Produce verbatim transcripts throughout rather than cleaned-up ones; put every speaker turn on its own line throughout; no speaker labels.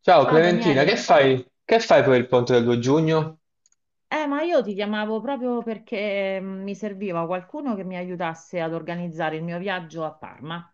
Ciao
Ciao
Clementina, che
Daniele,
fai? Che fai per il ponte del due giugno?
eh, ma io ti chiamavo proprio perché mm, mi serviva qualcuno che mi aiutasse ad organizzare il mio viaggio a Parma.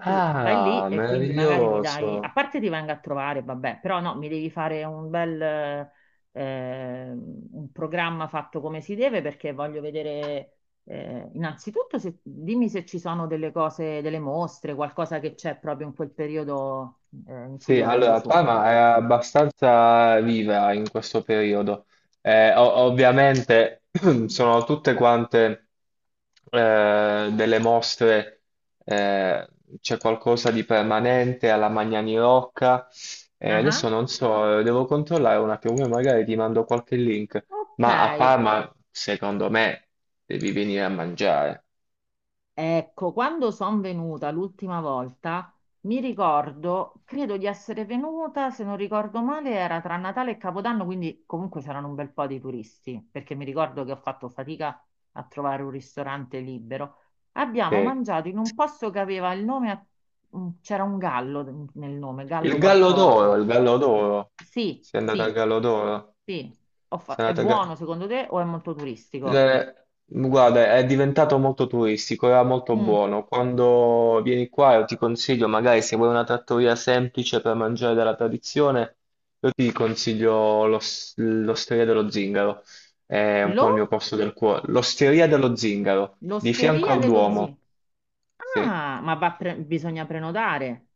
Tu stai lì e quindi magari mi dai,
meraviglioso.
a parte ti vengo a trovare, vabbè, però no, mi devi fare un bel eh, ehm, un programma fatto come si deve perché voglio vedere eh, innanzitutto se- dimmi se ci sono delle cose, delle mostre, qualcosa che c'è proprio in quel periodo eh, in cui
Sì,
io vengo
allora
su.
Parma è abbastanza viva in questo periodo. Eh, o- ovviamente sono tutte quante eh, delle mostre, eh, c'è qualcosa di permanente alla Magnani Rocca. Eh,
Ah,
adesso
ah.
non so, devo controllare un attimo, poi magari ti mando qualche link.
Ok.
Ma a Parma, secondo me, devi venire a mangiare.
Ecco, quando sono venuta l'ultima volta, mi ricordo, credo di essere venuta, se non ricordo male, era tra Natale e Capodanno, quindi comunque c'erano un bel po' di turisti, perché mi ricordo che ho fatto fatica a trovare un ristorante libero. Abbiamo
Sì.
mangiato in un posto che aveva il nome, a- mm, c'era un gallo nel nome, gallo
Il Gallo
qualcosa.
d'Oro, il Gallo d'Oro.
Sì,
Sei andata al
sì,
Gallo d'Oro.
sì. Ho fa-
Sei
È
andata al Ga-
buono secondo te o è molto turistico?
Eh, Guarda, è diventato molto turistico, era molto
Mm.
buono. Quando vieni qua, io ti consiglio, magari se vuoi una trattoria semplice per mangiare della tradizione, io ti consiglio l'os- l'Osteria dello Zingaro. È un po'
Lo?
il mio posto del cuore. L'Osteria dello Zingaro, di fianco
L'osteria
al
dello
Duomo.
zio.
Sì.
Ah, ma va pre- bisogna prenotare.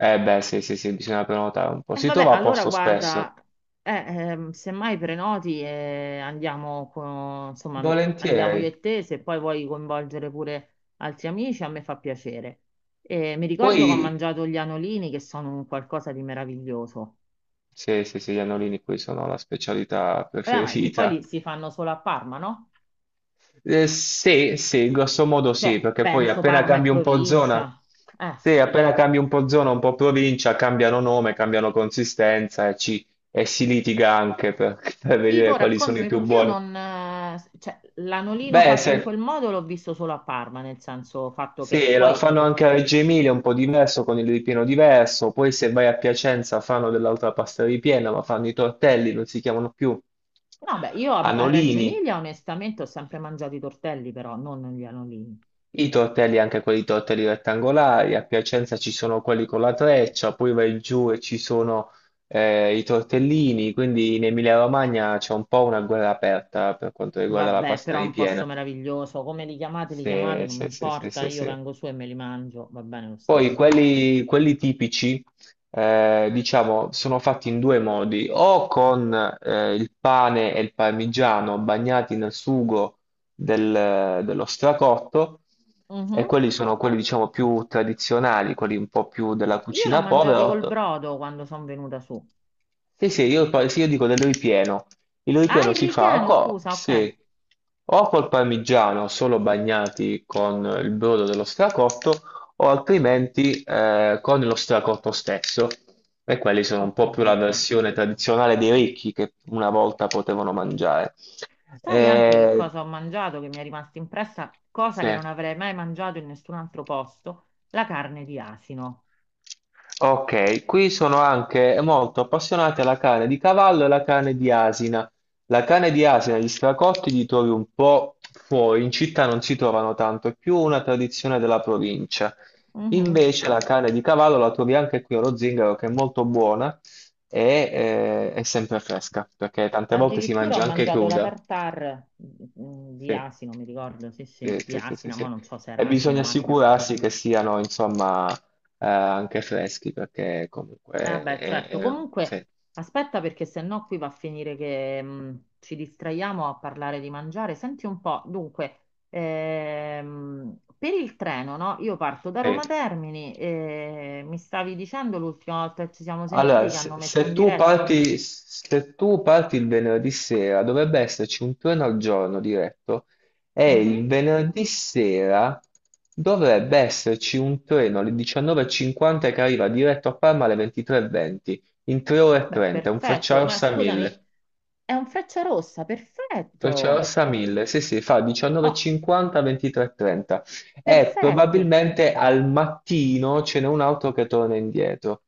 Eh beh, sì, sì, sì, bisogna prenotare un po'.
E
Si
vabbè,
trova a
allora
posto spesso.
guarda, eh, ehm, semmai prenoti e andiamo, con- insomma, andiamo io
Volentieri.
e te, se poi vuoi coinvolgere pure altri amici, a me fa piacere. E mi ricordo che ho
Poi,
mangiato gli anolini che sono un qualcosa di meraviglioso.
sì, sì, sì, gli annolini qui sono la specialità
Eh, ma li, poi
preferita.
li si fanno solo a Parma, no?
Eh, sì, sì, grosso modo
Cioè,
sì, perché poi
penso
appena
Parma e
cambi un po' zona,
provincia. Eh.
sì, appena cambi un po' zona, un po' provincia, cambiano nome, cambiano consistenza e, ci- e si litiga anche per, per
Tipo,
vedere quali sono i
raccontami
più
perché io
buoni.
non, eh, cioè, l'anolino
Beh,
fatto in
se,
quel modo l'ho visto solo a Parma, nel senso fatto che
Sì, la
poi,
fanno anche a Reggio Emilia, un po' diverso, con il ripieno diverso. Poi se vai a Piacenza fanno dell'altra pasta ripiena, ma fanno i tortelli, non si chiamano più
no, beh, io a, a Reggio
anolini.
Emilia onestamente ho sempre mangiato i tortelli, però non gli anolini.
I tortelli, anche quelli tortelli rettangolari. A Piacenza ci sono quelli con la treccia, poi vai giù e ci sono eh, i tortellini. Quindi in Emilia-Romagna c'è un po' una guerra aperta per quanto riguarda la
Vabbè,
pasta
però è un posto
ripiena.
meraviglioso, come li chiamate, li chiamate,
Sì,
non mi
sì, sì, sì,
importa,
sì,
io
sì.
vengo su e me li mangio, va bene lo
Poi
stesso.
quelli, quelli tipici, eh, diciamo, sono fatti in due modi, o con eh, il pane e il parmigiano bagnati nel sugo del- dello stracotto, e
Mhm.
quelli sono quelli, diciamo, più tradizionali, quelli un po' più della
Io l'ho
cucina
mangiati
povera,
col brodo quando sono venuta su.
sì, sì, io, poi- sì, io dico del ripieno. Il
Ah,
ripieno
il
si fa
ripieno,
co-
scusa, ok,
se o col parmigiano solo bagnati con il brodo dello stracotto o altrimenti eh, con lo stracotto stesso. E quelli sono un
ho
po' più la
capito.
versione tradizionale dei ricchi che una volta potevano mangiare.
Sai anche che
Eh,
cosa ho mangiato che mi è rimasta impressa, cosa
sì.
che non avrei mai mangiato in nessun altro posto? La carne di asino.
Ok, qui sono anche molto appassionati alla carne di cavallo e alla carne di asina. La carne di asina, gli stracotti li trovi un po' fuori, in città non si trovano tanto, è più una tradizione della provincia.
Mhm.
Invece la carne di cavallo la trovi anche qui allo Zingaro, che è molto buona e eh, è sempre fresca, perché tante volte si
Addirittura ho
mangia anche
mangiato la
cruda.
tartare mm, di
Sì,
asino, mi ricordo, sì, sì,
sì,
di
sì, sì, sì,
asina, ma
sì.
non so se
E
era
bisogna
asino o asina.
assicurarsi che siano, insomma, eh, anche freschi, perché comunque...
Eh beh,
è-
certo,
è- sì,
comunque aspetta perché sennò qui va a finire che mh, ci distraiamo a parlare di mangiare. Senti un po', dunque, ehm, per il treno, no? Io parto da
sì.
Roma Termini e mi stavi dicendo l'ultima volta che ci siamo sentiti
Allora,
che
se,
hanno messo un
se tu
diretto?
parti, se tu parti il venerdì sera, dovrebbe esserci un treno al giorno diretto, e
Mhm.
il venerdì sera dovrebbe esserci un treno alle diciannove e cinquanta che arriva diretto a Parma alle ventitré e venti, in tre ore e
Vabbè,
trenta, un
perfetto, ma
Frecciarossa
scusami,
mille.
è un Frecciarossa,
Freccia
perfetto!
rossa mille, sì sì, fa
Oh,
diciannove e cinquanta, ventitré e trenta e trenta e
perfetto!
probabilmente al mattino ce n'è un altro che torna indietro,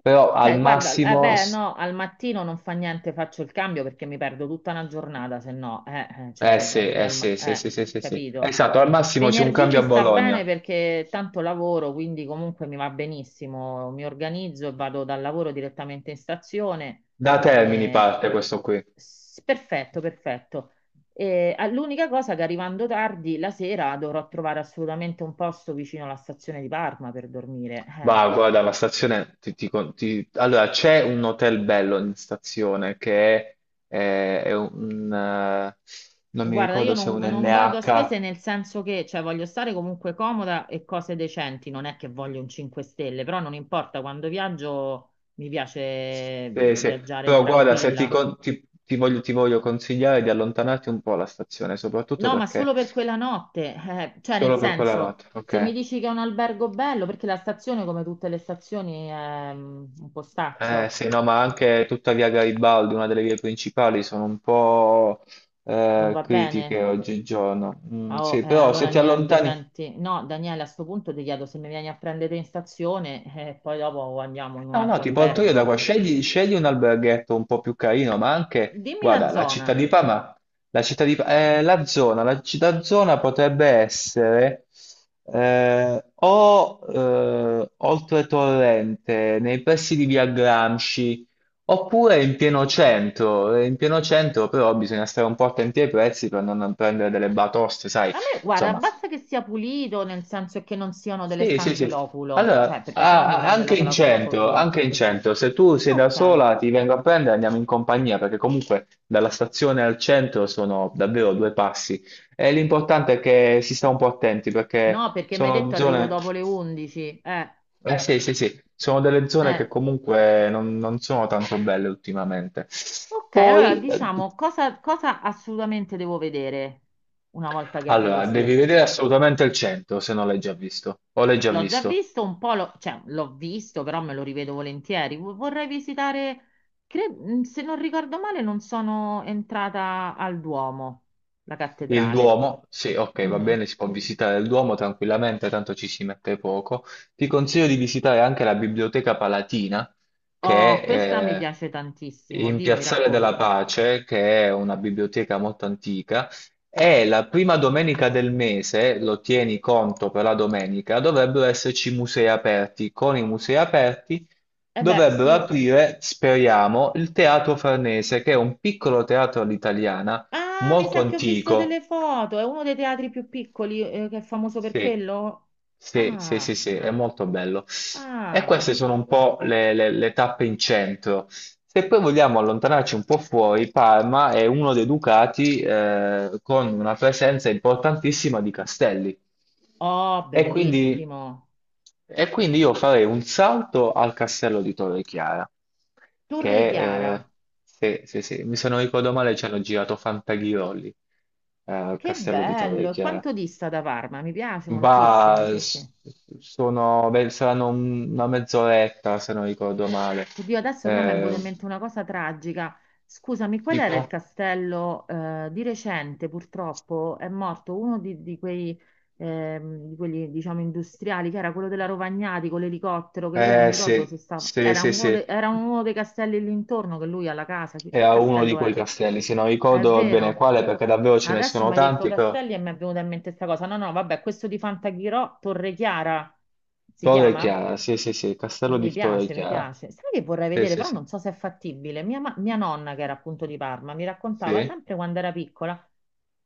però al
Ok, guarda, eh
massimo,
beh, no, al mattino non fa niente, faccio il cambio perché mi perdo tutta una giornata, se no, eh, eh, cioè
eh
se
sì,
vado via
eh
al ma-
sì, sì,
eh,
sì, sì, sì, sì.
capito?
Esatto, al massimo c'è un
Venerdì
cambio
mi
a
sta bene
Bologna,
perché tanto lavoro, quindi comunque mi va benissimo, mi organizzo e vado dal lavoro direttamente in stazione.
da Termini
eh,
parte questo qui,
s- Perfetto, perfetto. Eh, ah, l'unica cosa che arrivando tardi la sera dovrò trovare assolutamente un posto vicino alla stazione di Parma per dormire. eh.
va, guarda la stazione, ti- ti con- ti- allora c'è un hotel bello in stazione che è, è- è un, eh, non mi
Guarda, io
ricordo se è
non,
un
non vado a
N H.
spese nel senso che, cioè, voglio stare comunque comoda e cose decenti, non è che voglio un cinque stelle, però non importa, quando viaggio mi piace
Sì, sì.
viaggiare
Però guarda, se ti,
tranquilla.
con- ti- ti voglio, ti voglio consigliare di allontanarti un po' dalla stazione, soprattutto
No, ma
perché
solo per quella notte, eh, cioè, nel
solo per quella
senso,
notte,
se mi
ok?
dici che è un albergo bello, perché la stazione, come tutte le stazioni, è mm, un
Eh,
postaccio,
sì, no, ma anche tutta via Garibaldi, una delle vie principali, sono un po'
non
eh,
va
critiche
bene?
oggigiorno. Mm,
Ah, oh,
sì,
eh,
però se
allora
ti
niente,
allontani,
senti, no, Daniele, a sto punto ti chiedo se mi vieni a prendere in stazione eh, e poi dopo andiamo in un
no, no,
altro
ti porto io da
albergo.
qua. Scegli, scegli un alberghetto un po' più carino, ma anche,
Dimmi la
guarda, la città
zona.
di Parma, la città di, Pa- eh, la zona, la città zona potrebbe essere eh, o eh, oltre Torrente, nei pressi di Via Gramsci, oppure in pieno centro. Eh, In pieno centro però bisogna stare un po' attenti ai prezzi per non prendere delle batoste, sai,
A me, guarda,
insomma,
basta che sia pulito, nel senso che non siano delle
sì, sì,
stanze
sì.
loculo,
Allora,
cioè perché sennò
a-
mi
a-
prende
anche
la
in centro,
claustrofobia.
anche in centro, se tu sei da
Ok.
sola ti vengo a prendere, e andiamo in compagnia, perché comunque dalla stazione al centro sono davvero due passi. E l'importante è che si sta un po' attenti,
No,
perché
perché mi hai
sono
detto arrivo
zone,
dopo le undici. Eh,
eh sì, sì, sì, sono delle zone che
eh.
comunque non, non sono tanto belle ultimamente.
Ok, allora
Poi, eh,
diciamo cosa, cosa assolutamente devo vedere una volta che arrivo
allora,
su.
devi vedere assolutamente il centro, se non l'hai già visto, o l'hai già
L'ho già
visto.
visto un po', lo- cioè l'ho visto, però me lo rivedo volentieri. Vo- Vorrei visitare, cre- mm, se non ricordo male, non sono entrata al Duomo, la
Il
cattedrale.
Duomo, sì, ok, va
Mhm.
bene, si può visitare il Duomo tranquillamente, tanto ci si mette poco. Ti consiglio di visitare anche la Biblioteca Palatina,
Oh,
che
questa mi
è
piace
eh,
tantissimo.
in
Dimmi,
Piazzale della
racconta.
Pace, che è una biblioteca molto antica, e la prima domenica del mese, lo tieni conto per la domenica, dovrebbero esserci musei aperti. Con i musei aperti
Eh beh,
dovrebbero
sì.
aprire, speriamo, il Teatro Farnese, che è un piccolo teatro all'italiana
Ah, mi
molto
sa che ho visto delle
antico.
foto. È uno dei teatri più piccoli, eh, che è famoso per
Sì,
quello.
sì, sì,
Ah,
sì, sì, è molto bello. E
ah.
queste sono un po' le, le- le tappe in centro. Se poi vogliamo allontanarci un po' fuori, Parma è uno dei ducati eh, con una presenza importantissima di castelli.
Oh,
E quindi,
bellissimo.
e quindi io farei un salto al castello di Torre Chiara,
Torre
che
Chiara.
eh, se, se- se mi se non ricordo male ci hanno girato Fantaghirolli eh, al
Che
castello di
bello.
Torre
E
Chiara.
quanto dista da Parma? Mi piace
Bah,
moltissimo, sì, sì.
s- sono, beh, saranno un- una mezz'oretta se non ricordo male.
Oddio, adesso però mi è venuta
Eh,
in mente una cosa tragica. Scusami, qual era il
tipo?
castello? Eh, di recente, purtroppo, è morto uno di, di quei, ehm, di quelli, diciamo, industriali, che era quello della Rovagnati con l'elicottero, che lui non mi
Eh
ricordo se
sì,
stava...
sì,
Era
sì,
uno, de-
sì.
era uno dei castelli lì intorno, che lui ha la casa. Che, che
Era uno di
castello
quei
era?
castelli, se non
È
ricordo bene
vero.
quale, perché davvero ce ne
Adesso
sono
mi hai detto
tanti, però
castelli e mi è venuta in mente questa cosa. No, no, vabbè, questo di Fantaghirò, Torre Chiara si
Torre
chiama?
Chiara, sì, sì, sì, il castello
Mi
di Torre
piace, mi
Chiara.
piace. Sai che vorrei
Sì,
vedere,
sì,
però
sì.
non so se è fattibile. Mia, ma- mia nonna, che era appunto di Parma, mi raccontava
Sì,
sempre quando era piccola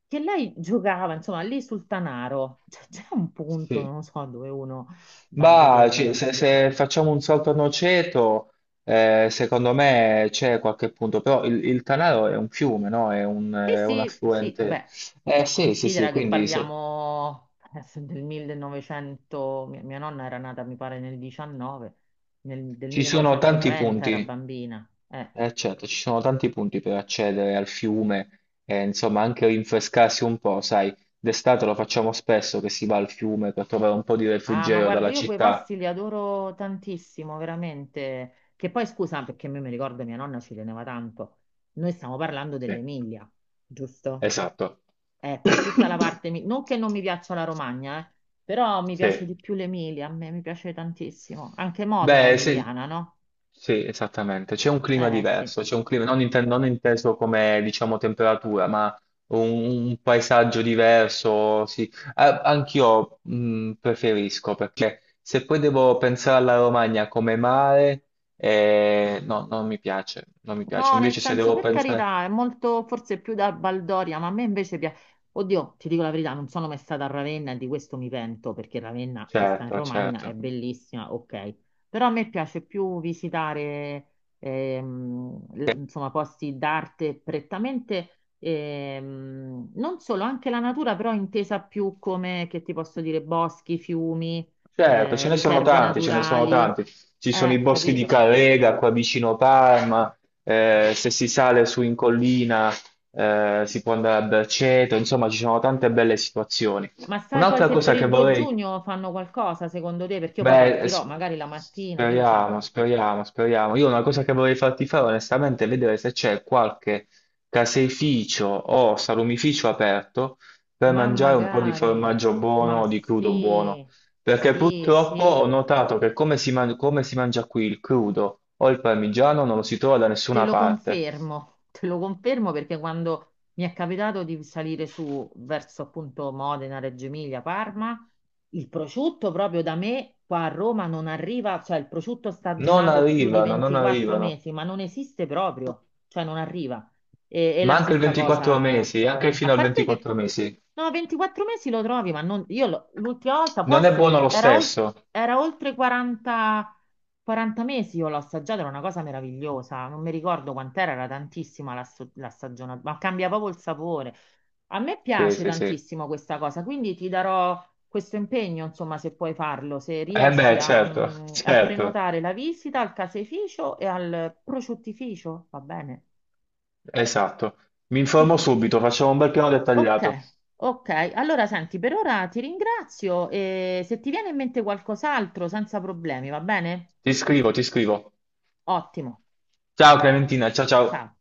che lei giocava, insomma, lì sul Tanaro. Cioè, c'è un punto,
sì.
non lo so, dove uno va a
Bah, ci-
vedere.
se, se facciamo un salto a noceto, eh, secondo me c'è qualche punto, però il, il Tanaro è un fiume, no? È un,
Sì,
è un
sì, sì,
affluente.
beh,
Eh sì, sì, sì,
considera che
quindi se-
parliamo adesso del millenovecento, mia, mia nonna era nata, mi pare, nel 19, nel- del
ci sono tanti
millenovecentotrenta era
punti,
bambina. Eh.
eh, certo, ci sono tanti punti per accedere al fiume, e insomma anche rinfrescarsi un po', sai, d'estate lo facciamo spesso che si va al fiume per trovare un po' di
Ah, ma
refrigerio
guarda,
dalla
io quei
città.
posti li adoro tantissimo, veramente. Che poi, scusa, perché io mi ricordo mia nonna ci teneva tanto. Noi stiamo parlando
Sì,
dell'Emilia, giusto?
esatto.
Ecco, tutta la parte... mi- Non che non mi piaccia la Romagna, eh, però mi piace
Sì.
di più l'Emilia, a me mi piace tantissimo. Anche Modena è
Beh, sì,
emiliana, no?
sì, esattamente. C'è un clima
Eh, sì.
diverso, c'è un clima non, inte- non inteso come, diciamo, temperatura, ma un, un paesaggio diverso, sì. A- Anch'io mh, preferisco, perché se poi devo pensare alla Romagna come mare, eh, no, non mi piace, non mi piace.
No, nel
Invece se
senso,
devo
per
pensare...
carità, è molto, forse più da baldoria, ma a me invece piace. Oddio, ti dico la verità, non sono mai stata a Ravenna e di questo mi pento, perché Ravenna, che sta in
Certo,
Romagna, è
certo.
bellissima, ok. Però a me piace più visitare, ehm, l- insomma, posti d'arte prettamente, ehm, non solo, anche la natura, però intesa più come, che ti posso dire, boschi, fiumi,
Certo,
eh,
ce ne sono
riserve
tanti, ce ne sono
naturali.
tanti. Ci sono i
Eh,
boschi di
capito?
Carrega qua vicino Parma, eh, se si sale su in collina eh, si può andare a Berceto, insomma ci sono tante belle situazioni.
Ma sai poi
Un'altra
se
cosa
per
che
il due
vorrei
giugno fanno qualcosa secondo te? Perché io poi
Beh,
partirò,
s-
magari la mattina, chi lo sa.
speriamo, speriamo, speriamo. Io una cosa che vorrei farti fare onestamente è vedere se c'è qualche caseificio o salumificio aperto per
Ma
mangiare un po' di
magari,
formaggio
ma
buono o di crudo buono.
sì,
Perché
sì,
purtroppo
sì.
ho notato che come si, man- come si mangia qui il crudo o il parmigiano non lo si trova da
Te
nessuna
lo
parte.
confermo, te lo confermo perché quando mi è capitato di salire su verso appunto Modena, Reggio Emilia, Parma, il prosciutto proprio da me qua a Roma non arriva, cioè il prosciutto
Non
stagionato più di
arrivano, non
ventiquattro
arrivano.
mesi, ma non esiste proprio, cioè non arriva. E, e la
Ma anche il
stessa cosa,
ventiquattro mesi, anche
a
fino al
parte che
ventiquattro mesi.
no, ventiquattro mesi lo trovi, ma non, io lo- l'ultima volta può
Non è buono
essere,
lo
era, ol-
stesso.
era oltre quaranta. quaranta mesi io l'ho assaggiata, era una cosa meravigliosa, non mi ricordo quant'era, era tantissima la, sto- la stagionata, ma cambia proprio il sapore. A me
Sì,
piace
sì, sì.
tantissimo questa cosa, quindi ti darò questo impegno, insomma, se puoi farlo, se
Eh
riesci
beh,
a,
certo,
mm, a
certo,
prenotare la visita al caseificio e al prosciuttificio, va bene?
esatto. Mi
Che
informo
dici?
subito, facciamo un bel piano dettagliato.
Ok, ok. Allora, senti, per ora ti ringrazio e se ti viene in mente qualcos'altro, senza problemi, va bene?
Ti scrivo, ti scrivo.
Ottimo.
Ciao
Ciao.
Clementina, ciao ciao.
Ciao.